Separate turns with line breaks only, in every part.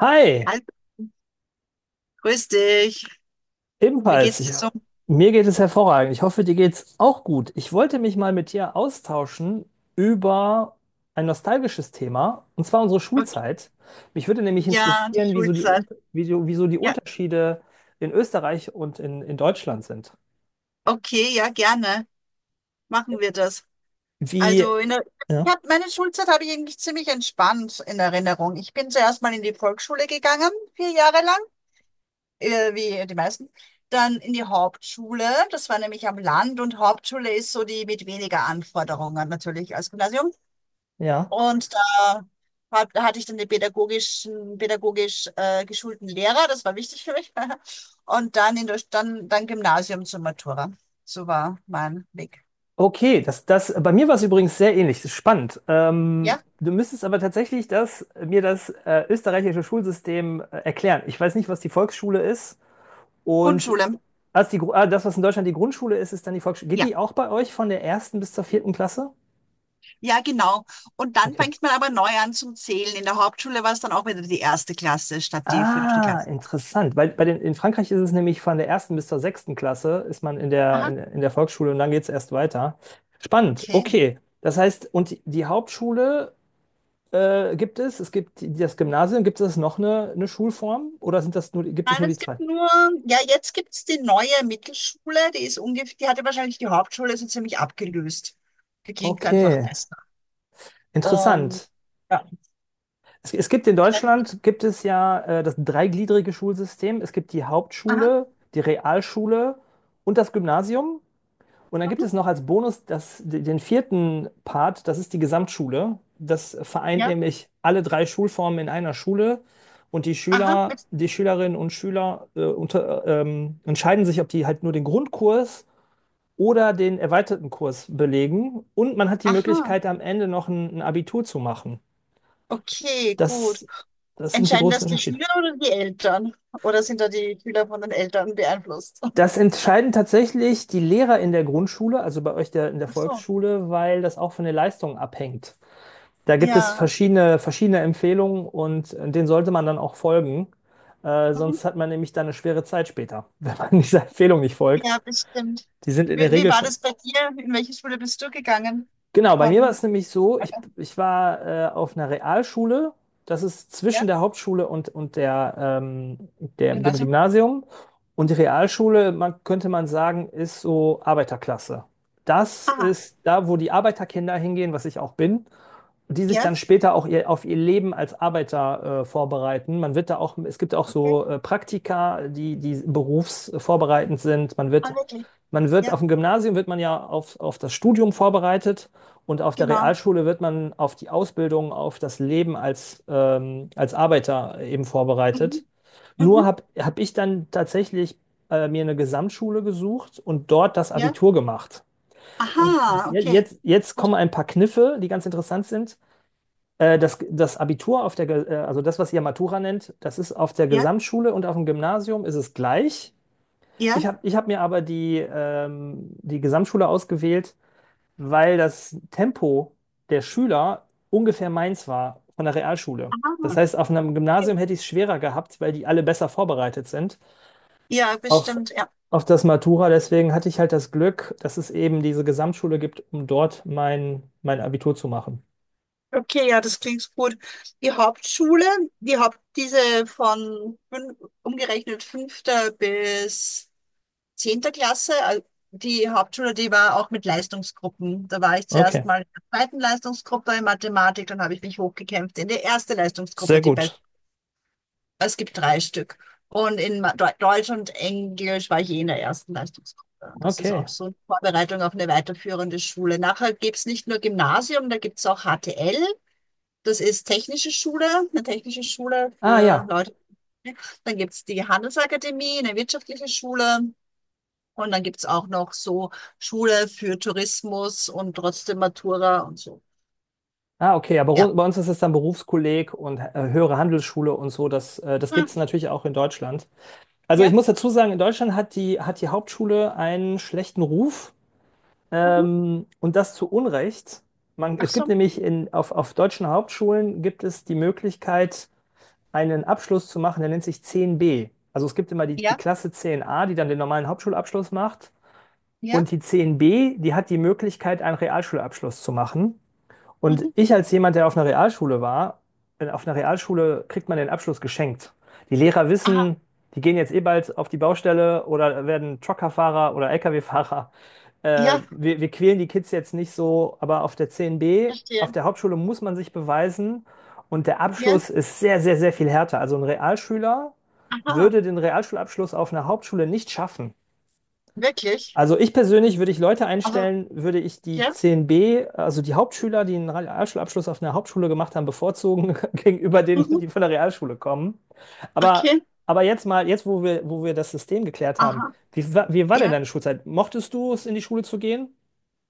Hi,
Hallo, grüß dich. Wie
ebenfalls.
geht's dir so?
Mir geht es hervorragend. Ich hoffe, dir geht's auch gut. Ich wollte mich mal mit dir austauschen über ein nostalgisches Thema, und zwar unsere
Okay.
Schulzeit. Mich würde nämlich
Ja, die
interessieren,
Schulzeit.
Wie so die
Ja,
Unterschiede in Österreich und in Deutschland sind.
okay, ja, gerne. Machen wir das.
Wie,
Also in der, ich
ja,
hab, meine Schulzeit habe ich eigentlich ziemlich entspannt in Erinnerung. Ich bin zuerst mal in die Volksschule gegangen, vier Jahre lang, wie die meisten. Dann in die Hauptschule. Das war nämlich am Land und Hauptschule ist so die mit weniger Anforderungen natürlich als Gymnasium.
ja.
Und da hatte ich dann den pädagogisch geschulten Lehrer, das war wichtig für mich. Und dann dann Gymnasium zur Matura. So war mein Weg.
Okay, das, bei mir war es übrigens sehr ähnlich. Das ist spannend.
Ja,
Du müsstest aber tatsächlich mir das österreichische Schulsystem erklären. Ich weiß nicht, was die Volksschule ist. Und
Grundschule.
als das, was in Deutschland die Grundschule ist, ist dann die Volksschule. Geht
Ja,
die auch bei euch von der ersten bis zur vierten Klasse?
ja, genau. Und dann
Okay.
fängt man aber neu an zum Zählen. In der Hauptschule war es dann auch wieder die erste Klasse statt die fünfte
Ah,
Klasse.
interessant. Weil in Frankreich ist es nämlich von der ersten bis zur sechsten Klasse, ist man in der,
Aha,
in, in der Volksschule und dann geht es erst weiter. Spannend,
okay.
okay. Das heißt, und die Hauptschule gibt es, es gibt das Gymnasium, gibt es noch eine Schulform oder sind das nur, gibt es
Nein,
nur die zwei?
ja, jetzt gibt's die neue Mittelschule, die ist ungefähr, die hatte wahrscheinlich die Hauptschule so ziemlich abgelöst. Die klingt einfach
Okay,
besser. Und
interessant.
ja,
Es gibt in
ich weiß nicht.
Deutschland, gibt es ja das dreigliedrige Schulsystem. Es gibt die
Aha,
Hauptschule, die Realschule und das Gymnasium. Und dann gibt
mhm,
es noch als Bonus den vierten Part, das ist die Gesamtschule. Das vereint
ja.
nämlich alle drei Schulformen in einer Schule. Und
Aha,
Die Schülerinnen und Schüler entscheiden sich, ob die halt nur den Grundkurs oder den erweiterten Kurs belegen. Und man hat die
aha.
Möglichkeit, am Ende noch ein Abitur zu machen.
Okay, gut.
Das, das sind die
Entscheiden
großen
das die
Unterschiede.
Schüler oder die Eltern? Oder sind da die Schüler von den Eltern beeinflusst?
Das entscheiden tatsächlich die Lehrer in der Grundschule, also bei euch in der
Ach so.
Volksschule, weil das auch von der Leistung abhängt. Da gibt es
Ja, okay.
verschiedene Empfehlungen und denen sollte man dann auch folgen.
Mhm.
Sonst hat man nämlich dann eine schwere Zeit später, wenn man dieser Empfehlung nicht folgt.
Ja, bestimmt.
Die sind in
Wie,
der
wie
Regel
war
schon.
das bei dir? In welche Schule bist du gegangen?
Genau, bei mir war es
Von
nämlich so,
Alter.
ich war auf einer Realschule, das ist zwischen
Ja,
der Hauptschule und ähm, dem
Gymnasium.
Gymnasium. Und die
Mhm.
Realschule, könnte man sagen, ist so Arbeiterklasse. Das
Aha,
ist da, wo die Arbeiterkinder hingehen, was ich auch bin, die sich
ja,
dann später auch auf ihr Leben als Arbeiter vorbereiten. Man wird da auch, es gibt auch
okay.
so Praktika, die berufsvorbereitend sind. Man wird,
Ah, wirklich.
man wird
Ja,
auf dem Gymnasium wird man ja auf das Studium vorbereitet. Und auf der
genau.
Realschule wird man auf die Ausbildung, auf das Leben als, als Arbeiter eben vorbereitet.
Mhm.
Nur
Mhm.
hab ich dann tatsächlich mir eine Gesamtschule gesucht und dort das
Ja.
Abitur gemacht. Und
Aha,
je-
okay.
jetzt, jetzt
Gut.
kommen ein paar Kniffe, die ganz interessant sind. Das Abitur auf der, also das, was ihr Matura nennt, das ist auf der
Ja,
Gesamtschule und auf dem Gymnasium ist es gleich.
ja.
Ich hab mir aber die Gesamtschule ausgewählt, weil das Tempo der Schüler ungefähr meins war von der Realschule. Das
Aha,
heißt, auf einem
okay.
Gymnasium hätte ich es schwerer gehabt, weil die alle besser vorbereitet sind
Ja,
auf,
bestimmt, ja.
auf das Matura. Deswegen hatte ich halt das Glück, dass es eben diese Gesamtschule gibt, um dort mein Abitur zu machen.
Okay, ja, das klingt gut. Die Hauptschule, die Haupt, diese von fün- umgerechnet fünfter bis zehnter Klasse, die Hauptschule, die war auch mit Leistungsgruppen. Da war ich zuerst
Okay,
mal in der zweiten Leistungsgruppe in Mathematik, dann habe ich mich hochgekämpft in die erste
sehr
Leistungsgruppe, die best
gut.
es gibt drei Stück. Und in Deutsch und Englisch war ich je in der ersten Leistungsgruppe. Und das ist
Okay.
auch so eine Vorbereitung auf eine weiterführende Schule. Nachher gibt's nicht nur Gymnasium, da gibt's auch HTL. Das ist technische Schule, eine technische Schule
Ah
für
ja.
Leute. Dann gibt's die Handelsakademie, eine wirtschaftliche Schule. Und dann gibt's auch noch so Schule für Tourismus und trotzdem Matura und so.
Ah, okay,
Ja.
bei uns ist es dann Berufskolleg und höhere Handelsschule und so. Das gibt
Hm,
es natürlich auch in Deutschland. Also ich
ja.
muss dazu sagen, in Deutschland hat hat die Hauptschule einen schlechten Ruf.
Mhm.
Und das zu Unrecht.
Ach
Es gibt
so.
nämlich auf deutschen Hauptschulen gibt es die Möglichkeit, einen Abschluss zu machen, der nennt sich zehn b. Also es gibt immer die
Ja.
Klasse zehn a, die dann den normalen Hauptschulabschluss macht.
Ja.
Und die zehn b, die hat die Möglichkeit, einen Realschulabschluss zu machen. Und
Mhm.
ich als jemand, der auf einer Realschule war, auf einer Realschule kriegt man den Abschluss geschenkt. Die Lehrer
Aha.
wissen, die gehen jetzt eh bald auf die Baustelle oder werden Truckerfahrer oder Lkw-Fahrer,
Ja.
wir quälen die Kids jetzt nicht so, aber auf der C N B, auf
Verstehe.
der Hauptschule muss man sich beweisen und der
Ja.
Abschluss ist sehr, sehr viel härter. Also ein Realschüler
Aha.
würde den Realschulabschluss auf einer Hauptschule nicht schaffen.
Wirklich.
Also ich persönlich, würde ich Leute
Aha.
einstellen, würde ich die
Ja.
C N B, also die Hauptschüler, die einen Realschulabschluss auf einer Hauptschule gemacht haben, bevorzugen gegenüber denen,
Mhm.
die von der Realschule kommen. Aber,
Okay.
aber jetzt mal, jetzt wo wo wir das System geklärt haben,
Aha.
wie war denn
Ja.
deine Schulzeit? Mochtest du es, in die Schule zu gehen?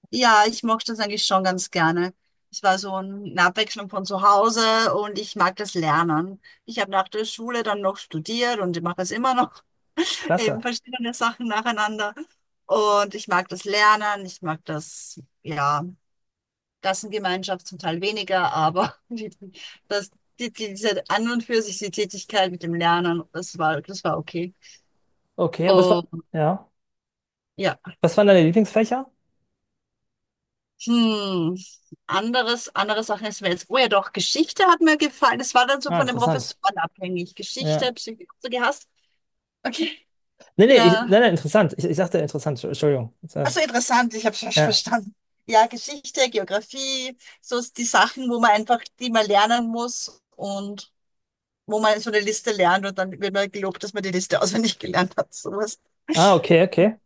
Ja, ich mag das eigentlich schon ganz gerne. Es war so eine Abwechslung von zu Hause und ich mag das Lernen. Ich habe nach der Schule dann noch studiert und ich mache es immer noch, eben
Klasse.
verschiedene Sachen nacheinander. Und ich mag das Lernen, ich mag das, ja, Klassengemeinschaft zum Teil weniger, aber das, diese an und für sich die Tätigkeit mit dem Lernen, das war okay.
Okay, und
Und
ja,
ja.
was waren deine Lieblingsfächer?
Hm, andere Sachen ist mir jetzt. Oh ja, doch, Geschichte hat mir gefallen. Das war dann so
Ah,
von den
interessant.
Professoren abhängig. Geschichte,
Ja.
Psychologie, hast du gehasst? Okay,
Nee, nee, ich,
ja.
nee, nee, interessant. Ich sagte interessant, Entschuldigung.
Also interessant, ich habe es falsch
Ja.
verstanden. Ja, Geschichte, Geografie, so ist die Sachen, wo man einfach, die man lernen muss und wo man so eine Liste lernt und dann wird man gelobt, dass man die Liste auswendig gelernt hat. Sowas.
Ah, okay, okay.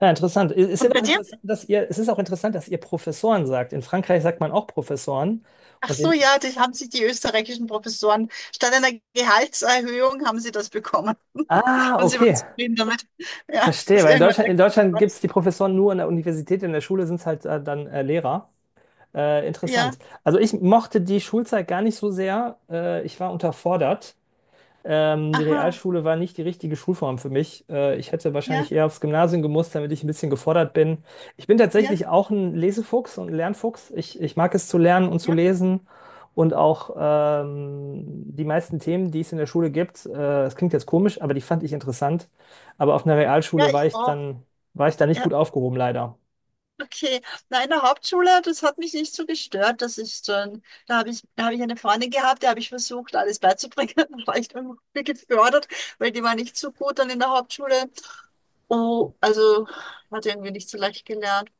Ja, interessant.
Und bei dir?
Es ist auch interessant, dass ihr Professoren sagt. In Frankreich sagt man auch Professoren.
Ach
Und
so,
in,
ja, das haben sich die österreichischen Professoren statt einer Gehaltserhöhung haben sie das bekommen.
ah,
Und sie waren
okay.
zufrieden damit. Ja,
Verstehe,
dass
weil
irgendwann der
In
Krieg
Deutschland gibt es
raus.
die Professoren nur an der Universität, in der Schule sind es halt dann Lehrer.
Ja,
Interessant. Also ich mochte die Schulzeit gar nicht so sehr. Ich war unterfordert. Die
aha,
Realschule war nicht die richtige Schulform für mich. Ich hätte wahrscheinlich
ja,
eher aufs Gymnasium gemusst, damit ich ein bisschen gefordert bin. Ich bin
ja,
tatsächlich auch ein Lesefuchs und ein Lernfuchs. Ich mag es zu lernen und zu
ja,
lesen und auch die meisten Themen, die es in der Schule gibt, das klingt jetzt komisch, aber die fand ich interessant. Aber auf einer
ja,
Realschule
ich auch.
war ich da nicht
Ja,
gut aufgehoben, leider.
okay. Na, in der Hauptschule, das hat mich nicht so gestört. Das ist schon, da habe ich eine Freundin gehabt, der habe ich versucht, alles beizubringen. Da war ich dann gefördert, weil die war nicht so gut dann in der Hauptschule. Oh, also hat irgendwie nicht so leicht gelernt.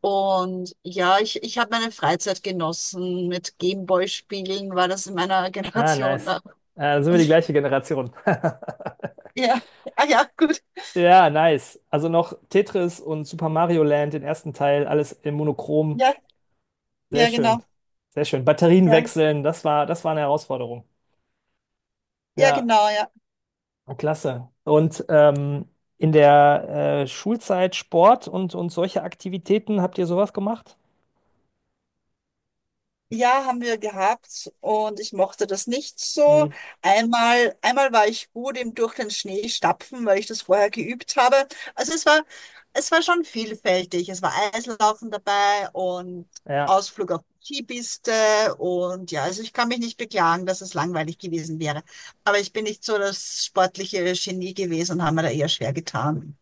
Und ja, ich habe meine Freizeit genossen mit Gameboy-Spielen, war das in meiner
Ah,
Generation
nice.
da.
Dann sind wir die gleiche Generation.
Ja, ah, ja, gut.
Ja, nice. Also noch Tetris und Super Mario Land, den ersten Teil, alles in Monochrom.
Ja,
Sehr
ja, genau.
schön. Sehr schön. Batterien
Ja,
wechseln, das war eine Herausforderung.
ja,
Ja,
genau, ja.
klasse. Und in der Schulzeit Sport und solche Aktivitäten, habt ihr sowas gemacht?
Ja, haben wir gehabt und ich mochte das nicht so.
Mhm.
Einmal war ich gut im durch den Schnee stapfen, weil ich das vorher geübt habe. Also es war schon vielfältig. Es war Eislaufen dabei und
Ja.
Ausflug auf die Skipiste und ja, also ich kann mich nicht beklagen, dass es langweilig gewesen wäre. Aber ich bin nicht so das sportliche Genie gewesen und habe mir da eher schwer getan.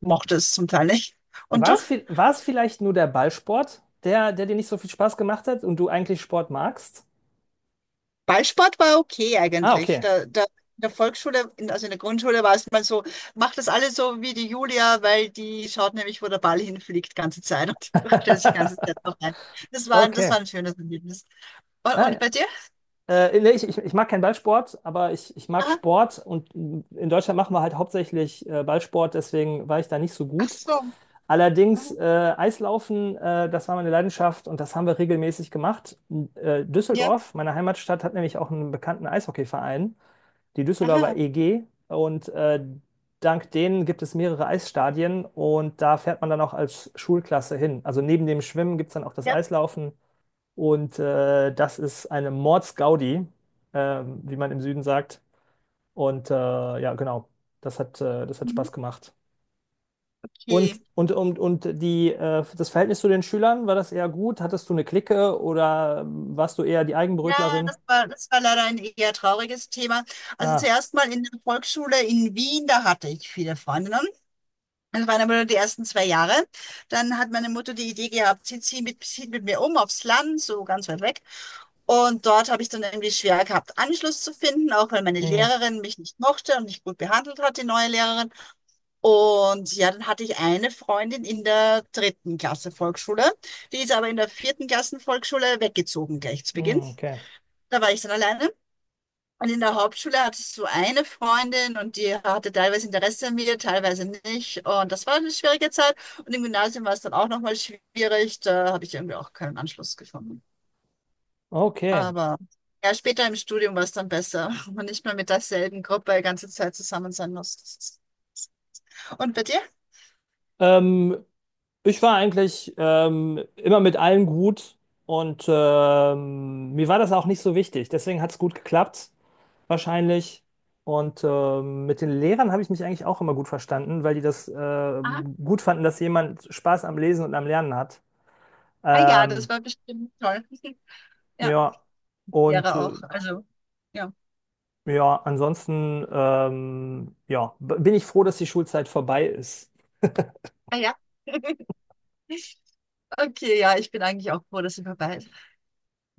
Mochte es zum Teil nicht. Und du?
War es vielleicht nur der Ballsport, der dir nicht so viel Spaß gemacht hat und du eigentlich Sport magst?
Ballsport war okay
Ah,
eigentlich.
okay.
In der Volksschule, also in der Grundschule war es mal so, macht das alles so wie die Julia, weil die schaut nämlich, wo der Ball hinfliegt, ganze Zeit und stellt sich die ganze Zeit noch ein. Das war
Okay.
ein schönes Erlebnis. Und,
Ah,
und
ja.
bei dir?
Nee, ich mag keinen Ballsport, aber ich mag
Aha.
Sport und in Deutschland machen wir halt hauptsächlich Ballsport, deswegen war ich da nicht so
Ach
gut.
so.
Allerdings
Mhm.
Eislaufen, das war meine Leidenschaft und das haben wir regelmäßig gemacht.
Ja.
Düsseldorf, meine Heimatstadt, hat nämlich auch einen bekannten Eishockeyverein, die Düsseldorfer
Aha.
EG, und dank denen gibt es mehrere Eisstadien und da fährt man dann auch als Schulklasse hin. Also neben dem Schwimmen gibt es dann auch das
Ja.
Eislaufen. Und das ist eine Mordsgaudi, wie man im Süden sagt. Und ja, genau, das hat
Mhm.
Spaß gemacht.
Okay.
Und, das Verhältnis zu den Schülern, war das eher gut? Hattest du eine Clique oder warst du eher die
Ja,
Eigenbrötlerin?
das war leider ein eher trauriges Thema. Also
Ah,
zuerst mal in der Volksschule in Wien, da hatte ich viele Freundinnen. Das waren aber nur die ersten 2 Jahre. Dann hat meine Mutter die Idee gehabt, sie zieht sie mit, zieht mit mir um aufs Land, so ganz weit weg. Und dort habe ich dann irgendwie schwer gehabt, Anschluss zu finden, auch weil meine
mm,
Lehrerin mich nicht mochte und nicht gut behandelt hat, die neue Lehrerin. Und ja, dann hatte ich eine Freundin in der dritten Klasse Volksschule. Die ist aber in der vierten Klassen Volksschule weggezogen gleich zu Beginn.
mm, okay.
Da war ich dann alleine. Und in der Hauptschule hattest du eine Freundin und die hatte teilweise Interesse an mir, teilweise nicht. Und das war eine schwierige Zeit. Und im Gymnasium war es dann auch nochmal schwierig. Da habe ich irgendwie auch keinen Anschluss gefunden.
Okay.
Aber ja, später im Studium war es dann besser, wenn man nicht mehr mit derselben Gruppe die ganze Zeit zusammen sein muss. Das ist- Und bei dir?
Ähm, Ich war eigentlich immer mit allen gut und mir war das auch nicht so wichtig. Deswegen hat es gut geklappt, wahrscheinlich. Und mit den Lehrern habe ich mich eigentlich auch immer gut verstanden, weil die das
Ah,
gut fanden, dass jemand Spaß am Lesen und am Lernen hat.
ah ja,
Ähm,
das war bestimmt toll. Ja,
ja, und
wäre
äh,
auch. Also, ja.
ja, ansonsten bin ich froh, dass die Schulzeit vorbei ist.
Ah ja. Okay, ja, ich bin eigentlich auch froh, dass sie vorbei ist.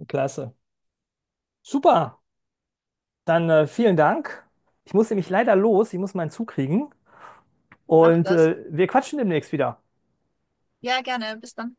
Klasse. Super, dann vielen Dank. Ich muss nämlich leider los, ich muss meinen Zug kriegen
Mach
und
das.
wir quatschen demnächst wieder.
Ja, gerne. Bis dann.